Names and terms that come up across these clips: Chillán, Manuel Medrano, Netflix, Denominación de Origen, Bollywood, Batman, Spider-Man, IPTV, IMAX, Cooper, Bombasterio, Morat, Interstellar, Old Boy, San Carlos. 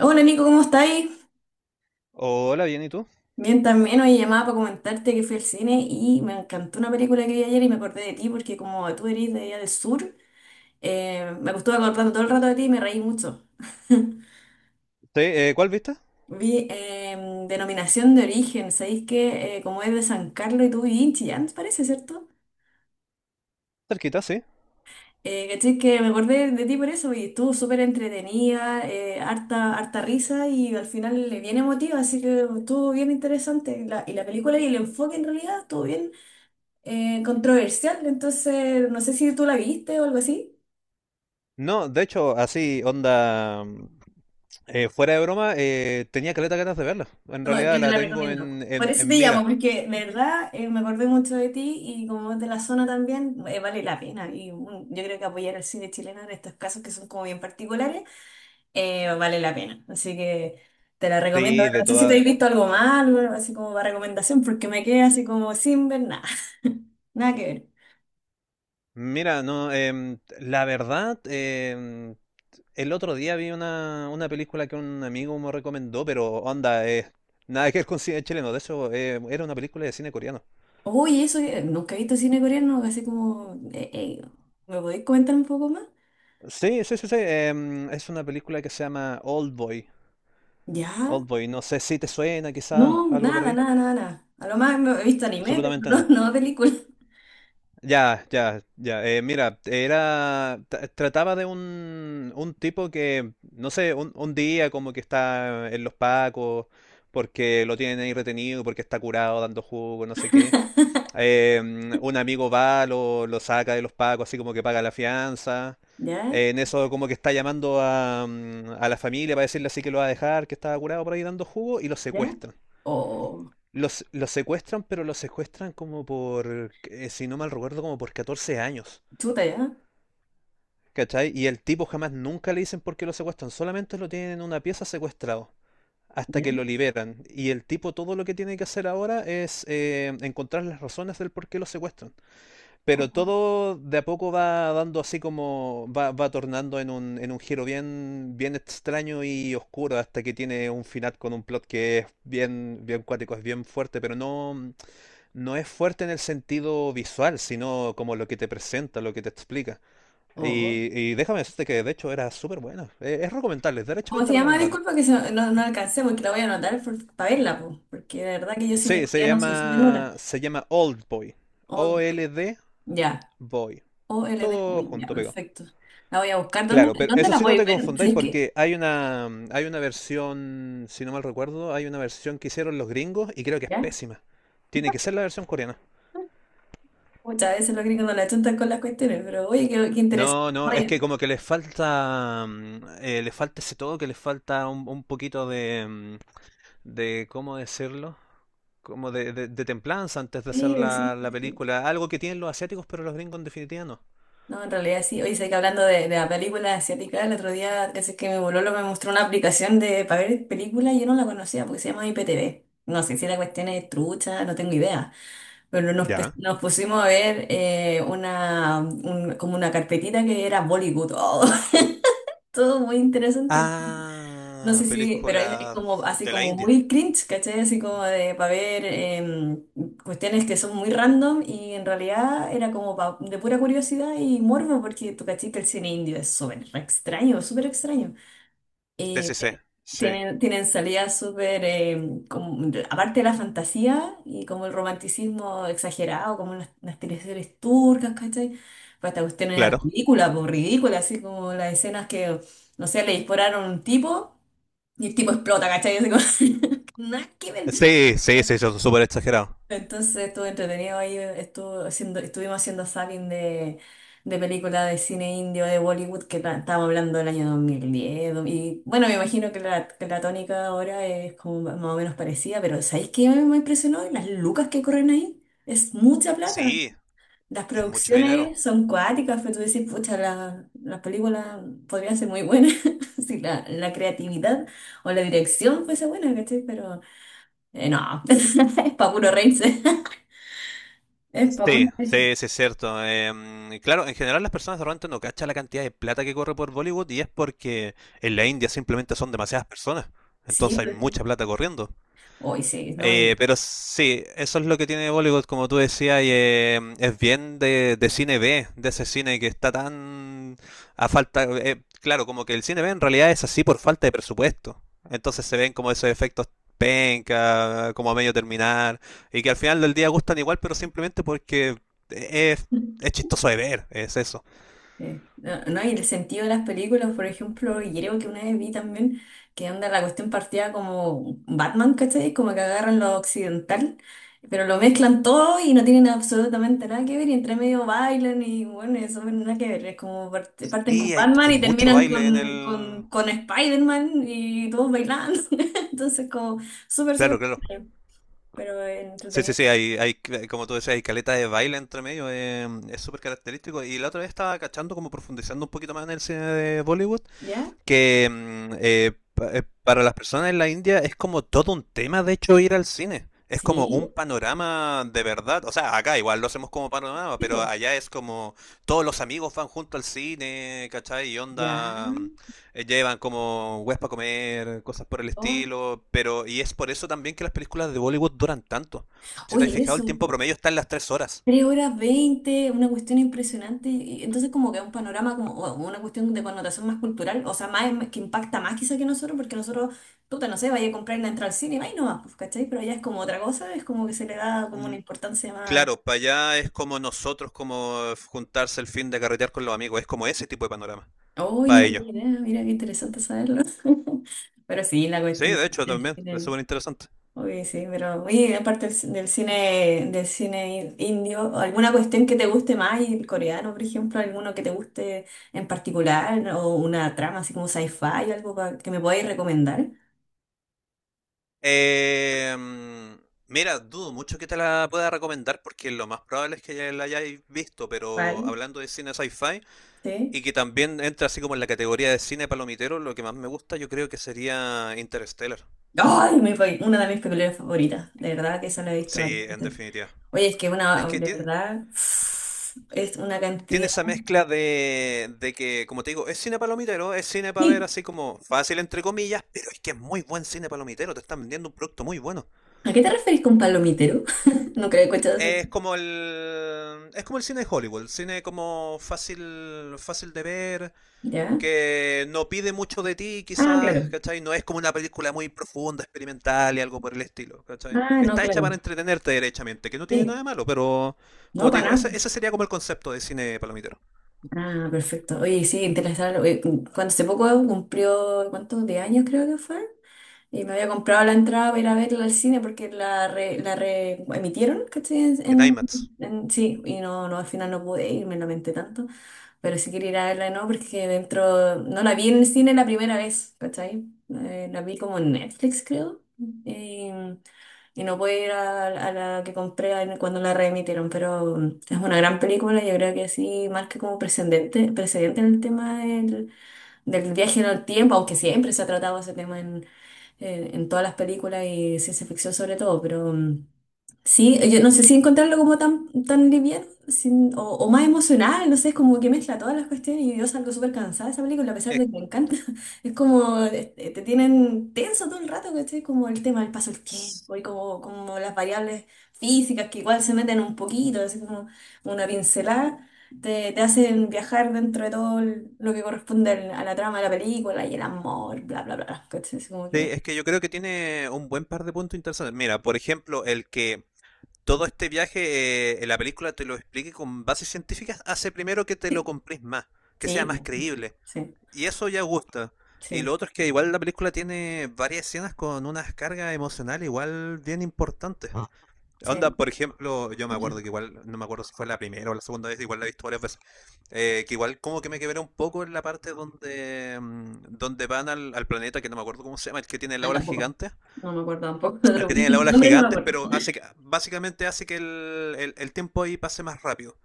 Hola Nico, ¿cómo estáis? Hola, bien, ¿y tú? Bien, también hoy llamaba para comentarte que fui al cine y me encantó una película que vi ayer y me acordé de ti porque como tú eres de allá del sur, me estuve acordando todo el rato de ti y me reí mucho. Sí, ¿cuál viste? Vi Denominación de Origen, ¿sabéis que como es de San Carlos y tú vivís en Chillán, parece, ¿cierto? Cerquita, sí. ¿Cachai? Que me acordé de ti por eso y estuvo súper entretenida, harta, harta risa y al final bien emotiva, así que estuvo bien interesante. Y la película y el enfoque en realidad estuvo bien controversial, entonces no sé si tú la viste o algo así. No, de hecho, así, onda, fuera de broma, tenía caleta ganas de verla. En No, realidad yo te la la tengo recomiendo. en, Por en, eso te en llamo, mira. porque de verdad me acordé mucho de ti y como es de la zona también, vale la pena. Y mm, yo creo que apoyar al cine chileno en estos casos que son como bien particulares, vale la pena. Así que te la recomiendo. Sí, Bueno, de no sé si te todas. has visto algo más, algo así como para recomendación, porque me quedé así como sin ver nada, nada que ver. Mira, no, la verdad, el otro día vi una película que un amigo me recomendó, pero onda, nada que ver con cine chileno. De hecho, era una película de cine coreano. Uy, eso, nunca he visto cine coreano, así como, ¿me podéis comentar un poco más? Sí, sí, sí, sí. Es una película que se llama Old Boy. Ya. Old Boy, no sé si te suena, quizás No, algo por nada, ahí. nada, nada, nada. A lo más he visto anime, pero Absolutamente no. no, no película. Ya, ya, ya. Mira, Trataba de un tipo que, no sé, un día como que está en los pacos, porque lo tienen ahí retenido, porque está curado dando jugo, no sé qué. Eh, un amigo va, lo saca de los pacos, así como que paga la fianza. ¿Ya? En eso, como que está llamando a, a la familia para decirle así que lo va a dejar, que estaba curado por ahí dando jugo, y lo ¿Ya? secuestran. Oh, Los secuestran, pero los secuestran como por, si no mal recuerdo, como por 14 años. chuta, ¿ya? ¿Cachai? Y el tipo jamás nunca le dicen por qué lo secuestran, solamente lo tienen en una pieza secuestrado hasta ¿Ya? que lo liberan. Y el tipo todo lo que tiene que hacer ahora es encontrar las razones del por qué lo secuestran. Oh, Pero todo de a poco va dando así como, va tornando en en un giro bien, bien extraño y oscuro hasta que tiene un final con un plot que es bien, bien cuático, es bien fuerte, pero no, no es fuerte en el sentido visual, sino como lo que te presenta, lo que te explica. oh. Y déjame decirte que de hecho era súper buena. Es recomendable, es ¿Cómo se derechamente llama? recomendable. Disculpa que no, no alcancé porque la voy a anotar para verla, po, porque de verdad que yo cine Sí, coreano soy súper nula. Se llama Old Boy. Old Boy, OLD ya. Boy. Old Todo Boy, ya, junto, pegado. perfecto. La voy a buscar. ¿Dónde, Claro, pero dónde eso la sí no voy te a ver? Si confundáis es que, porque hay una versión, si no mal recuerdo, hay una versión que hicieron los gringos y creo que es ¿ya? pésima. Tiene que ser la versión coreana. Muchas veces los gringos no la chuntan con las cuestiones, pero oye, qué, qué interesante. No, no, es que como que les falta, les falta ese todo, que les falta un poquito de, de, ¿cómo decirlo? Como de, de templanza antes de hacer Oye, la, sí, la sí. película. Algo que tienen los asiáticos, pero los gringos en definitiva no. No, en realidad sí. Oye, sé que hablando de la película asiática, el otro día casi que mi bololo me mostró una aplicación de para ver películas y yo no la conocía porque se llama IPTV. No sé si la cuestión es trucha, no tengo idea. Pero nos, Ya. nos pusimos a ver una, como una carpetita que era Bollywood. Oh, todo muy interesante. No Ah, sé si, pero es como películas así de la como India. muy cringe, ¿cachai? Así como de para ver cuestiones que son muy random y en realidad era como de pura curiosidad y morbo porque tú cachai que el cine indio es súper extraño Sí, eh, sí, sí, sí. tienen, tienen salidas súper, aparte de la fantasía y como el romanticismo exagerado, como las teleseries turcas, ¿cachai? Pues esta cuestión era Claro. ridícula, por ridícula, así como las escenas que, no sé, le dispararon a un tipo y el tipo explota, ¿cachai? Así como, nada que ver. Sí, sí, sí, eso es súper exagerado. Entonces estuvo entretenido ahí, estuvo haciendo, estuvimos haciendo zapping de películas de cine indio de Bollywood que estábamos hablando del año 2010. Y bueno, me imagino que la tónica ahora es como más o menos parecida, pero ¿sabéis qué me, me impresionó? Las lucas que corren ahí. Es mucha plata. Sí, Las es mucho dinero. producciones son cuáticas, pero tú decís, pucha, las películas podrían ser muy buenas si la, la creatividad o la dirección fuese buena, ¿cachai? Pero no, es para puro reírse. Es para Sí, una de esas. sí, sí, es cierto. Claro, en general las personas de repente no cachan la cantidad de plata que corre por Bollywood y es porque en la India simplemente son demasiadas personas. Sí, Entonces hay pues sí. mucha plata corriendo. Hoy sí, no, Pero sí, eso es lo que tiene Bollywood, como tú decías, y es bien de cine B, de ese cine que está tan a falta... claro, como que el cine B en realidad es así por falta de presupuesto. Entonces se ven como esos efectos penca, como a medio terminar, y que al final del día gustan igual, pero simplemente porque es, es chistoso de ver, es eso. No, no, y el sentido de las películas, por ejemplo, y creo que una vez vi también que anda la cuestión partida como Batman, ¿cachai? Como que agarran lo occidental, pero lo mezclan todo y no tienen absolutamente nada que ver, y entre medio bailan y bueno, eso no nada que ver, es como parten con Y hay, Batman hay y mucho terminan baile en el... con Spider-Man y todos bailando, entonces como súper, súper, Claro, claro. extraño, pero Sí, sí, entretenido. sí, hay, como tú decías, hay caleta de baile entre medio, es súper característico. Y la otra vez estaba cachando, como profundizando un poquito más en el cine de Bollywood, ¿Ya? que para las personas en la India es como todo un tema, de hecho, ir al cine. Es como Sí, un panorama de verdad. O sea, acá igual lo hacemos como panorama, pero tipo. allá es como todos los amigos van junto al cine, ¿cachai? Y Ya. onda, llevan como huespa para comer, cosas por el Oh, estilo. Pero, y es por eso también que las películas de Bollywood duran tanto. Si te has oye, fijado, eso, el tiempo promedio está en las 3 horas. 3 horas 20, una cuestión impresionante. Entonces, como que es un panorama, como o una cuestión de connotación más cultural, o sea, más que impacta más quizá que nosotros, porque nosotros, puta, no sé, vaya a comprar la entrada al cine, vaya nomás, pues, ¿cachai? Pero allá es como otra cosa, es como que se le da como una Mm, importancia más. Claro, para allá es como nosotros, como juntarse el fin de carretear con los amigos, es como ese tipo de panorama. Uy, no Para ellos. tenía idea, mira qué interesante saberlo. Pero sí, la Sí, cuestión. de hecho, también. Es súper interesante. Oye, sí, pero oye, aparte del, del cine indio, ¿alguna cuestión que te guste más? Y el coreano, por ejemplo, alguno que te guste en particular, o una trama así como sci-fi, algo que me podáis recomendar. Eh, mira, dudo mucho que te la pueda recomendar porque lo más probable es que ya la hayáis visto, pero ¿Cuál? hablando de cine sci-fi y ¿Sí? que también entra así como en la categoría de cine palomitero, lo que más me gusta yo creo que sería Interstellar. ¡Ay! Una de mis películas favoritas, de verdad que eso lo he visto Sí, en bastante. definitiva. Oye, es que Es una, que de tiene, verdad, es una tiene cantidad. esa mezcla de que, como te digo, es cine palomitero, es cine para ver Sí, así como fácil entre comillas, pero es que es muy buen cine palomitero, te están vendiendo un producto muy bueno. ¿a qué te referís con palomitero? No creo que he escuchado Es como el cine de Hollywood, el cine como fácil fácil de ver, ¿ya? que no pide mucho de ti, Ah, quizás, claro. ¿cachai? No es como una película muy profunda, experimental y algo por el estilo, ¿cachai? Ah, no, Está hecha para claro. entretenerte derechamente, que no tiene nada de Sí, malo, pero no, como te para digo, nada. Ese sería como el concepto de cine palomitero, Ah, perfecto. Oye, sí, interesante. Cuando hace poco cumplió, ¿cuántos? De años creo que fue. Y me había comprado la entrada para ir a verla al cine porque la re, emitieron, ¿cachai? En, en IMAX. Sí, y no, no, al final no pude ir, me lamenté tanto. Pero sí quería ir a verla, ¿no? Porque dentro, no la vi en el cine la primera vez, ¿cachai? La vi como en Netflix, creo. Y no pude ir a la que compré cuando la reemitieron, pero mm, es una gran película. Yo creo que sí marca como precedente, precedente el tema del, del viaje en el tiempo, aunque siempre se ha tratado ese tema en, en todas las películas y ciencia ficción sobre todo, pero. Mm, Sí, yo no sé si encontrarlo como tan, tan liviano o más emocional, no sé, es como que mezcla todas las cuestiones y yo salgo súper cansada de esa película a pesar de que me encanta. Es como, este, te tienen tenso todo el rato, ¿cachai? Como el tema del paso del Es- tiempo y como, como las variables físicas que igual se meten un poquito, así como una pincelada, te hacen viajar dentro de todo lo que corresponde a la trama de la película y el amor, bla, bla, bla, ¿cachai? Es como sí, que... es que yo creo que tiene un buen par de puntos interesantes. Mira, por ejemplo, el que todo este viaje en la película te lo explique con bases científicas, hace primero que te lo compres más, que sea Sí, más creíble. sí, Y eso ya gusta. Y lo sí, otro es que igual la película tiene varias escenas con unas cargas emocionales igual bien importantes. Ah. Onda, sí. por ejemplo, yo me acuerdo Mucho. que igual, no me acuerdo si fue la primera o la segunda vez, igual la he visto varias veces, que igual como que me quebré un poco en la parte donde, donde van al, al planeta, que no me acuerdo cómo se llama, el que tiene la Ah, ola tampoco. gigante No me acuerdo tampoco. al Otro que tiene la ola nombre no me gigantes, acuerdo. pero hace que, básicamente hace que el tiempo ahí pase más rápido.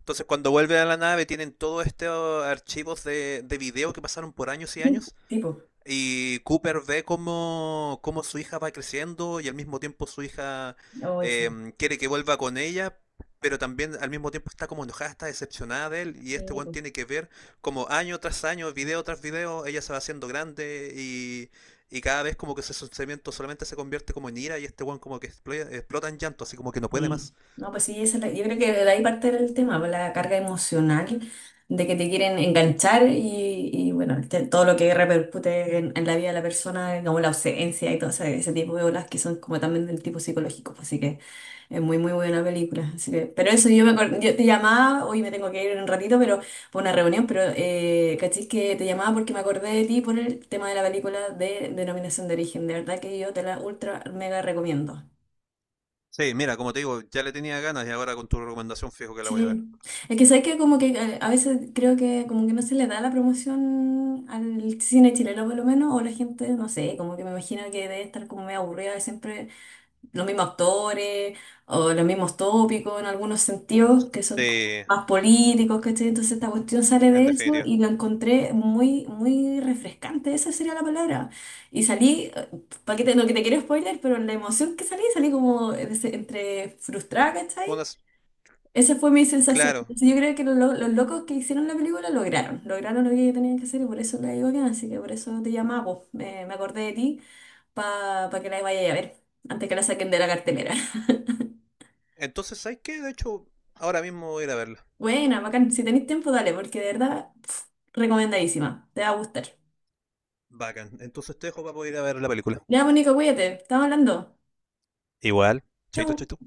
Entonces cuando vuelven a la nave tienen todos estos archivos de video que pasaron por años y Sí, años tipo. y Cooper ve cómo, cómo su hija va creciendo y al mismo tiempo su hija Hoy sí. Quiere que vuelva con ella, pero también al mismo tiempo está como enojada, está decepcionada de él y este Sí, one po. tiene que ver como año tras año, video tras video, ella se va haciendo grande y cada vez como que ese sentimiento solamente se convierte como en ira y este one como que explota en llanto, así como que no puede Sí. más. No, pues sí, esa es yo creo que de ahí parte el tema, pues, la carga emocional de que te quieren enganchar y, bueno, todo lo que repercute en la vida de la persona, como la ausencia y todo ese, ese tipo de olas que son como también del tipo psicológico. Pues, Así que es muy, muy buena película. Así que, pero eso, yo, me, yo te llamaba, hoy me tengo que ir en un ratito, pero por una reunión, pero cachis que te llamaba porque me acordé de ti por el tema de la película de Denominación de Origen. De verdad que yo te la ultra mega recomiendo. Sí, mira, como te digo, ya le tenía ganas y ahora con tu recomendación fijo que la voy a ver. Sí. Es que sabes que como que a veces creo que como que no se le da la promoción al cine chileno por lo menos, o la gente, no sé, como que me imagino que debe estar como medio aburrida de siempre los mismos actores o los mismos tópicos en algunos sentidos que son como Sí, más políticos, ¿cachai? Entonces esta cuestión sale en de eso definitiva. y la encontré muy, muy refrescante, esa sería la palabra. Y salí, para que te, no que te quiero spoiler, pero la emoción que salí, salí como entre frustrada, ¿cachai? Unas- Esa fue mi sensación. claro. Entonces, yo creo que los, los locos que hicieron la película lograron, lograron lo que tenían que hacer y por eso la digo bien, así que por eso te llamaba, po. Me acordé de ti para que la vayas a ver antes que la saquen de la cartelera. Entonces, ¿sabes qué? De hecho, ahora mismo voy a ir a verla. Buena, bacán. Si tenéis tiempo, dale, porque de verdad, pf, recomendadísima. Te va a gustar. Bacán. Entonces te dejo para poder ir a ver la película. Ya, Mónica, cuídate. Estamos hablando. Igual. Chaito, Chau. chaito.